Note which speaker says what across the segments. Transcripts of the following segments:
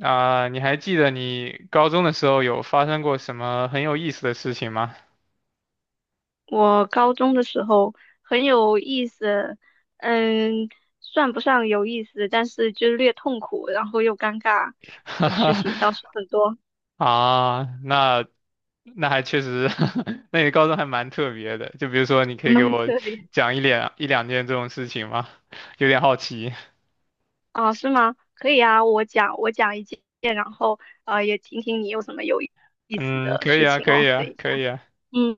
Speaker 1: 啊、你还记得你高中的时候有发生过什么很有意思的事情吗？
Speaker 2: 我高中的时候很有意思，嗯，算不上有意思，但是就略痛苦，然后又尴尬的事情倒是 很多，
Speaker 1: 啊，那还确实，那你高中还蛮特别的。就比如说，你可
Speaker 2: 还
Speaker 1: 以给
Speaker 2: 蛮
Speaker 1: 我
Speaker 2: 特别
Speaker 1: 讲一两件这种事情吗？有点好奇。
Speaker 2: 啊，是吗？可以啊，我讲一件，然后也听听你有什么有意思
Speaker 1: 嗯，
Speaker 2: 的
Speaker 1: 可以
Speaker 2: 事
Speaker 1: 啊，
Speaker 2: 情
Speaker 1: 可以
Speaker 2: 哦。等
Speaker 1: 啊，
Speaker 2: 一下，
Speaker 1: 可以啊。
Speaker 2: 嗯，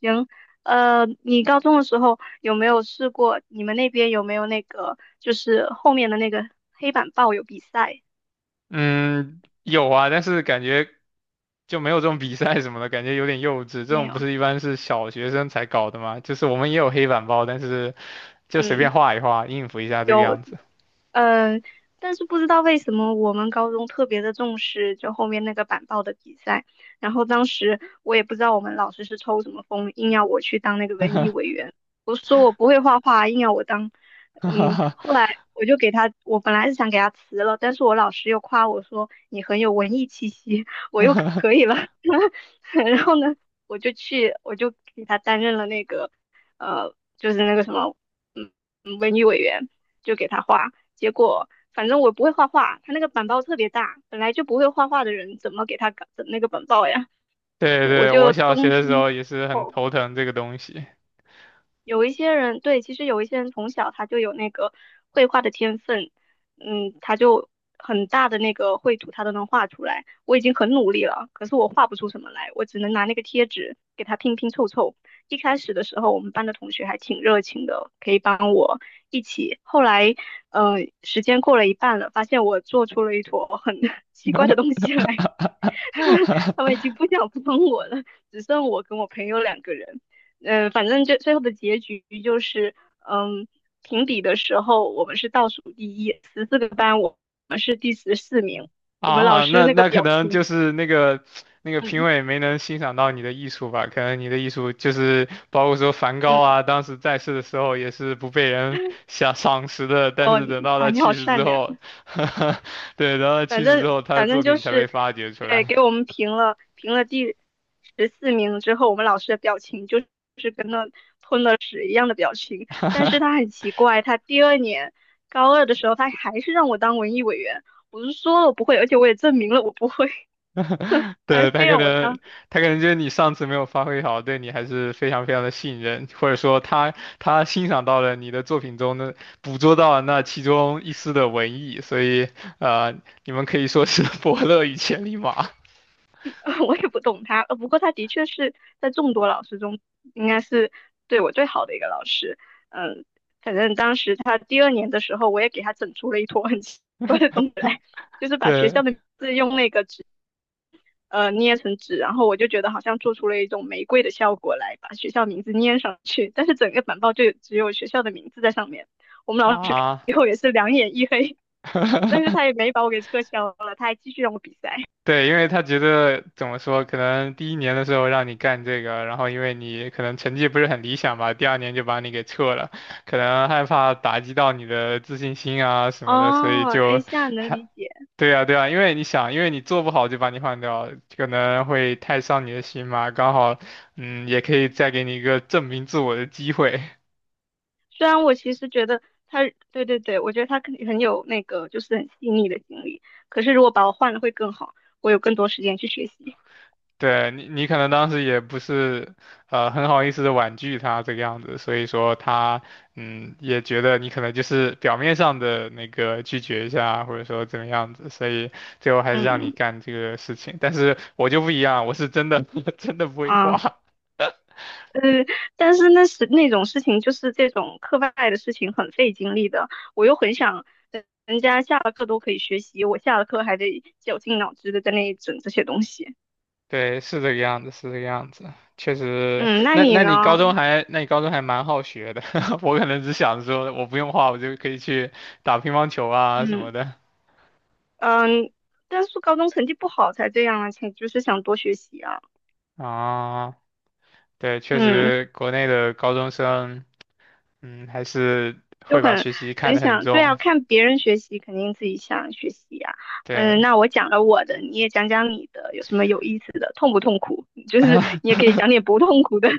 Speaker 2: 行，你高中的时候有没有试过？你们那边有没有那个就是后面的那个黑板报有比赛？
Speaker 1: 嗯，有啊，但是感觉就没有这种比赛什么的，感觉有点幼稚。这
Speaker 2: 没
Speaker 1: 种不
Speaker 2: 有，
Speaker 1: 是一般是小学生才搞的吗？就是我们也有黑板报，但是就随便
Speaker 2: 嗯。
Speaker 1: 画一画，应付一下这个
Speaker 2: 有，
Speaker 1: 样子。
Speaker 2: 嗯，但是不知道为什么我们高中特别的重视就后面那个板报的比赛，然后当时我也不知道我们老师是抽什么风，硬要我去当那个
Speaker 1: 哈
Speaker 2: 文艺
Speaker 1: 哈
Speaker 2: 委员。我说我不会画画啊，硬要我当，
Speaker 1: 哈哈
Speaker 2: 后来我本来是想给他辞了，但是我老师又夸我说你很有文艺气息，我又
Speaker 1: 哈，
Speaker 2: 可以了，然后呢，我就给他担任了那个，就是那个什么。文娱委员，就给他画。结果反正我不会画画，他那个板报特别大，本来就不会画画的人怎么给他搞整那个板报呀？
Speaker 1: 对
Speaker 2: 我
Speaker 1: 对，我
Speaker 2: 就
Speaker 1: 小学
Speaker 2: 东
Speaker 1: 的时
Speaker 2: 拼西
Speaker 1: 候也是很
Speaker 2: 凑。
Speaker 1: 头疼这个东西。
Speaker 2: 有一些人，对，其实有一些人从小他就有那个绘画的天分，他就很大的那个绘图他都能画出来。我已经很努力了，可是我画不出什么来，我只能拿那个贴纸给他拼拼凑凑。一开始的时候，我们班的同学还挺热情的，可以帮我一起。后来，时间过了一半了，发现我做出了一坨很 奇怪的东西来，他们 已经不想帮我了，只剩我跟我朋友两个人。反正最后的结局就是，嗯，评比的时候我们是倒数第一，14个班我们是第十四名。我们老
Speaker 1: 啊，
Speaker 2: 师
Speaker 1: 那
Speaker 2: 那个
Speaker 1: 那可
Speaker 2: 表
Speaker 1: 能就
Speaker 2: 情，
Speaker 1: 是那个评
Speaker 2: 嗯
Speaker 1: 委没能欣赏到你的艺术吧？可能你的艺术就是包括说梵高
Speaker 2: 嗯，
Speaker 1: 啊，当时在世的时候也是不被人赏识的，但
Speaker 2: 哦
Speaker 1: 是等到
Speaker 2: 啊，
Speaker 1: 他
Speaker 2: 你好
Speaker 1: 去世之
Speaker 2: 善良。
Speaker 1: 后，对，等到他
Speaker 2: 反
Speaker 1: 去世之
Speaker 2: 正
Speaker 1: 后，他的
Speaker 2: 反正
Speaker 1: 作
Speaker 2: 就
Speaker 1: 品才被
Speaker 2: 是，
Speaker 1: 发掘出
Speaker 2: 对，
Speaker 1: 来。
Speaker 2: 给我们评了第十四名之后，我们老师的表情就是跟那吞了屎一样的表情。但是 他很奇怪，他第二年高二的时候，他还是让我当文艺委员。我就说了我不会，而且我也证明了我不会，还
Speaker 1: 对，
Speaker 2: 非
Speaker 1: 他可
Speaker 2: 让我
Speaker 1: 能
Speaker 2: 当。
Speaker 1: 他可能觉得你上次没有发挥好，对你还是非常非常的信任，或者说他欣赏到了你的作品中的捕捉到了那其中一丝的文艺，所以呃，你们可以说是 伯乐与千里马。
Speaker 2: 我也不懂他，不过他的确是在众多老师中，应该是对我最好的一个老师。嗯，反正当时他第二年的时候，我也给他整出了一坨很奇怪的东西来，就是把学
Speaker 1: 对
Speaker 2: 校的名字用那个纸捏成纸，然后我就觉得好像做出了一种玫瑰的效果来，把学校名字捏上去，但是整个板报就只有学校的名字在上面。我们老师看
Speaker 1: 啊，
Speaker 2: 以后也是两眼一黑，但是他也 没把我给撤销了，他还继续让我比赛。
Speaker 1: 对，因为他觉得怎么说，可能第一年的时候让你干这个，然后因为你可能成绩不是很理想吧，第二年就把你给撤了，可能害怕打击到你的自信心啊什么的，所以
Speaker 2: 哦，哎，
Speaker 1: 就
Speaker 2: 现在能
Speaker 1: 还
Speaker 2: 理解。
Speaker 1: 对呀对啊，因为你想，因为你做不好就把你换掉，可能会太伤你的心嘛，刚好也可以再给你一个证明自我的机会。
Speaker 2: 虽然我其实觉得他，对对对，我觉得他肯定很有那个，就是很细腻的经历。可是如果把我换了会更好，我有更多时间去学习。
Speaker 1: 对你，你可能当时也不是很好意思的婉拒他这个样子，所以说他也觉得你可能就是表面上的那个拒绝一下，或者说怎么样子，所以最后还是让你
Speaker 2: 嗯
Speaker 1: 干这个事情。但是我就不一样，我是真的 真的不会
Speaker 2: 啊，
Speaker 1: 画。
Speaker 2: 呃，但是那是那种事情，就是这种课外的事情很费精力的。我又很想人家下了课都可以学习，我下了课还得绞尽脑汁的在那里整这些东西。
Speaker 1: 对，是这个样子，是这个样子，确实。
Speaker 2: 嗯，那
Speaker 1: 那
Speaker 2: 你
Speaker 1: 那你高
Speaker 2: 呢？
Speaker 1: 中还那你高中还蛮好学的，我可能只想说我不用画，我就可以去打乒乓球啊什么
Speaker 2: 嗯
Speaker 1: 的
Speaker 2: 嗯，但是高中成绩不好才这样啊，才就是想多学习啊。
Speaker 1: 啊。哦对，确
Speaker 2: 嗯。
Speaker 1: 实国内的高中生，嗯，还是
Speaker 2: 就
Speaker 1: 会把
Speaker 2: 很
Speaker 1: 学习看
Speaker 2: 很
Speaker 1: 得很
Speaker 2: 想，对啊，
Speaker 1: 重。
Speaker 2: 看别人学习，肯定自己想学习呀、
Speaker 1: 对，
Speaker 2: 那我讲了我的，你也讲讲你的，有什么有意思的，痛不痛苦？就是你也 可以讲点不痛苦的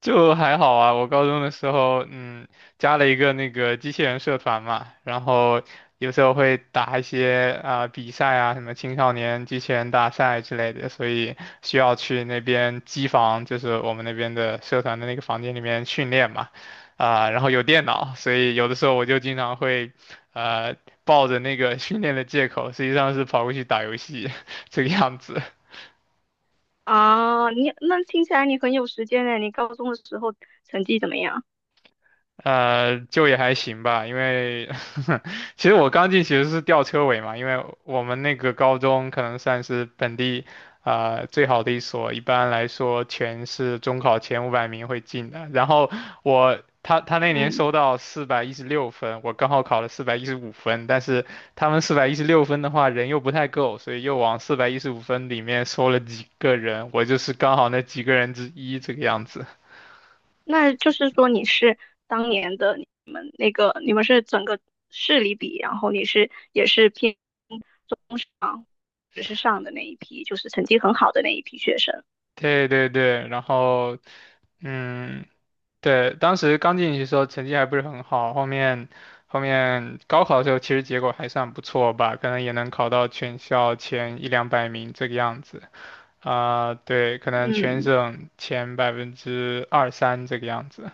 Speaker 1: 就还好啊，我高中的时候，嗯，加了一个那个机器人社团嘛，然后有时候会打一些啊、比赛啊，什么青少年机器人大赛之类的，所以需要去那边机房，就是我们那边的社团的那个房间里面训练嘛，啊、然后有电脑，所以有的时候我就经常会，呃，抱着那个训练的借口，实际上是跑过去打游戏 这个样子。
Speaker 2: 啊。你那听起来你很有时间呢，你高中的时候成绩怎么样？
Speaker 1: 就也还行吧，因为 其实我刚进其实是吊车尾嘛，因为我们那个高中可能算是本地最好的一所，一般来说全是中考前500名会进的。然后他那年
Speaker 2: 嗯，
Speaker 1: 收到四百一十六分，我刚好考了四百一十五分，但是他们四百一十六分的话人又不太够，所以又往四百一十五分里面收了几个人，我就是刚好那几个人之一这个样子。
Speaker 2: 那就是说你是当年的你们那个，你们是整个市里比，然后你是也是偏中上，只是上的那一批，就是成绩很好的那一批学生。
Speaker 1: 对对对，然后嗯，对，当时刚进去的时候成绩还不是很好，后面高考的时候其实结果还算不错吧，可能也能考到全校前一两百名这个样子啊，对，可能全
Speaker 2: 嗯。
Speaker 1: 省前百分之二三这个样子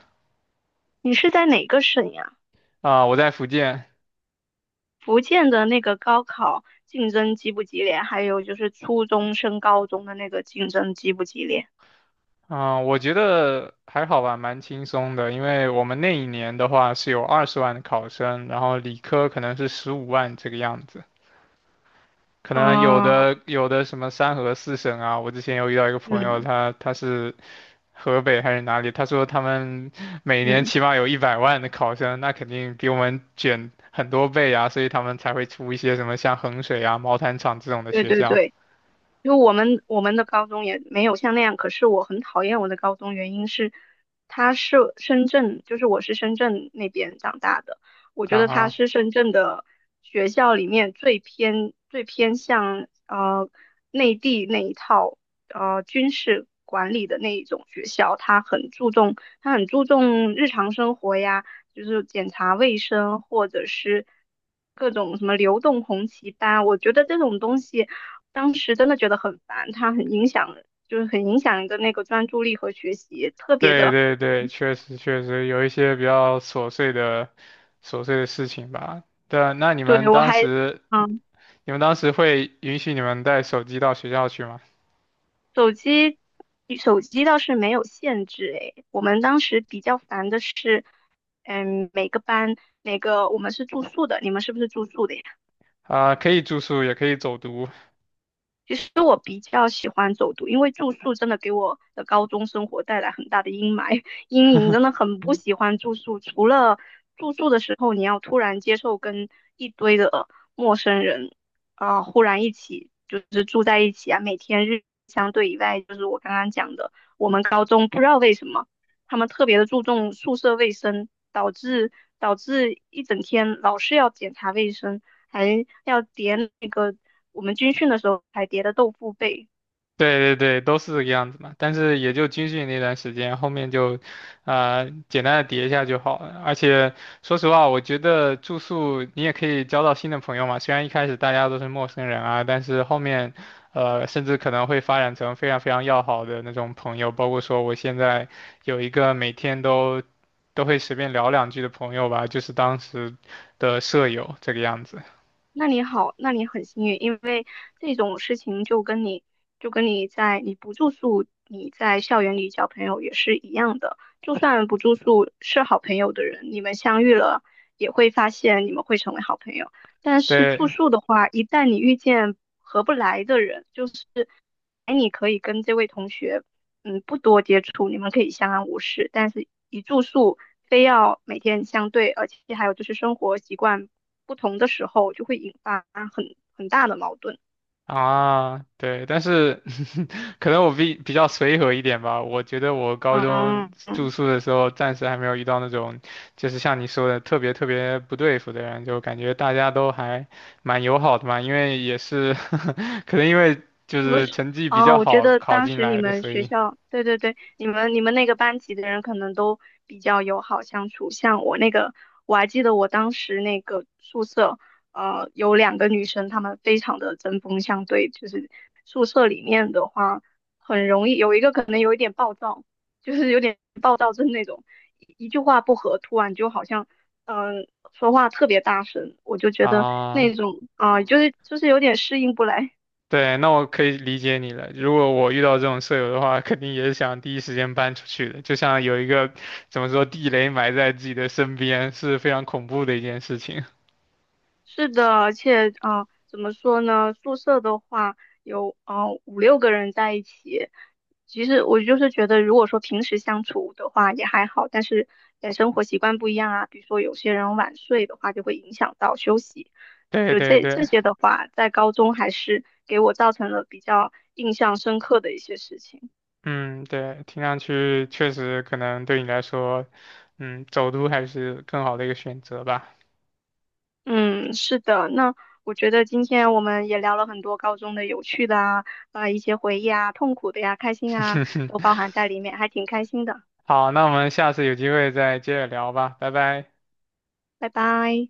Speaker 2: 你是在哪个省呀？
Speaker 1: 啊，我在福建。
Speaker 2: 福建的那个高考竞争激不激烈？还有就是初中升高中的那个竞争激不激烈？
Speaker 1: 啊，我觉得还好吧，蛮轻松的。因为我们那一年的话是有20万的考生，然后理科可能是15万这个样子。可能有
Speaker 2: 啊，
Speaker 1: 的有的什么三河四省啊，我之前有遇到一个朋友，
Speaker 2: 嗯
Speaker 1: 他是河北还是哪里，他说他们 每年
Speaker 2: 嗯，
Speaker 1: 起码有100万的考生，那肯定比我们卷很多倍啊，所以他们才会出一些什么像衡水啊、毛坦厂这种的
Speaker 2: 对
Speaker 1: 学
Speaker 2: 对
Speaker 1: 校
Speaker 2: 对，就我们的高中也没有像那样，可是我很讨厌我的高中，原因是它是深圳，就是我是深圳那边长大的，我觉得它
Speaker 1: 啊。
Speaker 2: 是深圳的学校里面最偏向内地那一套军事管理的那一种学校，它很注重日常生活呀，就是检查卫生或者是各种什么流动红旗班，我觉得这种东西。当时真的觉得很烦，它很影响，就是很影响人的那个专注力和学习，特别
Speaker 1: 对
Speaker 2: 的。
Speaker 1: 对对，确实确实有一些比较琐碎的事情吧。对啊，那你
Speaker 2: 对，
Speaker 1: 们当时
Speaker 2: 嗯，
Speaker 1: 你们当时会允许你们带手机到学校去吗？
Speaker 2: 手机，手机倒是没有限制，诶，我们当时比较烦的是，每个班，每个，我们是住宿的，你们是不是住宿的呀？
Speaker 1: 啊、可以住宿，也可以走读。
Speaker 2: 其实我比较喜欢走读，因为住宿真的给我的高中生活带来很大的阴霾 阴影，真的很不喜欢住宿。除了住宿的时候，你要突然接受跟一堆的陌生人啊、忽然一起就是住在一起啊，每天日相对以外，就是我刚刚讲的，我们高中不知道为什么他们特别的注重宿舍卫生，导致一整天老是要检查卫生，还要点那个。我们军训的时候还叠的豆腐被。
Speaker 1: 对对对，都是这个样子嘛。但是也就军训那段时间，后面就，啊，简单的叠一下就好了。而且说实话，我觉得住宿你也可以交到新的朋友嘛。虽然一开始大家都是陌生人啊，但是后面，甚至可能会发展成非常非常要好的那种朋友。包括说我现在有一个每天都会随便聊两句的朋友吧，就是当时的舍友这个样子。
Speaker 2: 那你好，那你很幸运，因为这种事情就跟你在你不住宿，你在校园里交朋友也是一样的。就算不住宿是好朋友的人，你们相遇了也会发现你们会成为好朋友。但是住
Speaker 1: 对，
Speaker 2: 宿的话，一旦你遇见合不来的人，就是哎，你可以跟这位同学不多接触，你们可以相安无事，但是一住宿非要每天相对，而且还有就是生活习惯不同的时候，就会引发很大的矛盾。
Speaker 1: 啊，对，但是 可能我比较随和一点吧。我觉得我高
Speaker 2: 嗯，
Speaker 1: 中住宿的时候，暂时还没有遇到那种，就是像你说的特别特别不对付的人，就感觉大家都还蛮友好的嘛。因为也是 可能因为就
Speaker 2: 不
Speaker 1: 是
Speaker 2: 是
Speaker 1: 成绩比
Speaker 2: 啊，
Speaker 1: 较
Speaker 2: 我觉
Speaker 1: 好
Speaker 2: 得
Speaker 1: 考
Speaker 2: 当
Speaker 1: 进
Speaker 2: 时你
Speaker 1: 来的，
Speaker 2: 们
Speaker 1: 所
Speaker 2: 学
Speaker 1: 以
Speaker 2: 校，对对对，你们那个班级的人可能都比较友好相处。像我那个，我还记得我当时那个宿舍，有两个女生，她们非常的针锋相对。就是宿舍里面的话，很容易有一个可能有一点暴躁，就是有点暴躁症那种，一句话不合，突然就好像嗯、呃说话特别大声，我就觉得那
Speaker 1: 啊。
Speaker 2: 种啊、就是有点适应不来。
Speaker 1: 对，那我可以理解你了。如果我遇到这种舍友的话，肯定也是想第一时间搬出去的。就像有一个怎么说地雷埋在自己的身边，是非常恐怖的一件事情。
Speaker 2: 是的，而且啊、怎么说呢？宿舍的话有啊、五六个人在一起，其实我就是觉得，如果说平时相处的话也还好，但是在生活习惯不一样啊，比如说有些人晚睡的话，就会影响到休息。
Speaker 1: 对
Speaker 2: 就
Speaker 1: 对
Speaker 2: 这
Speaker 1: 对，
Speaker 2: 些的话，在高中还是给我造成了比较印象深刻的一些事情。
Speaker 1: 嗯，对，听上去确实可能对你来说，走读还是更好的一个选择吧。
Speaker 2: 嗯，是的，那我觉得今天我们也聊了很多高中的有趣的啊，啊、一些回忆啊，痛苦的呀，开心啊，都包 含在里面，还挺开心的。
Speaker 1: 好，那我们下次有机会再接着聊吧，拜拜。
Speaker 2: 拜拜。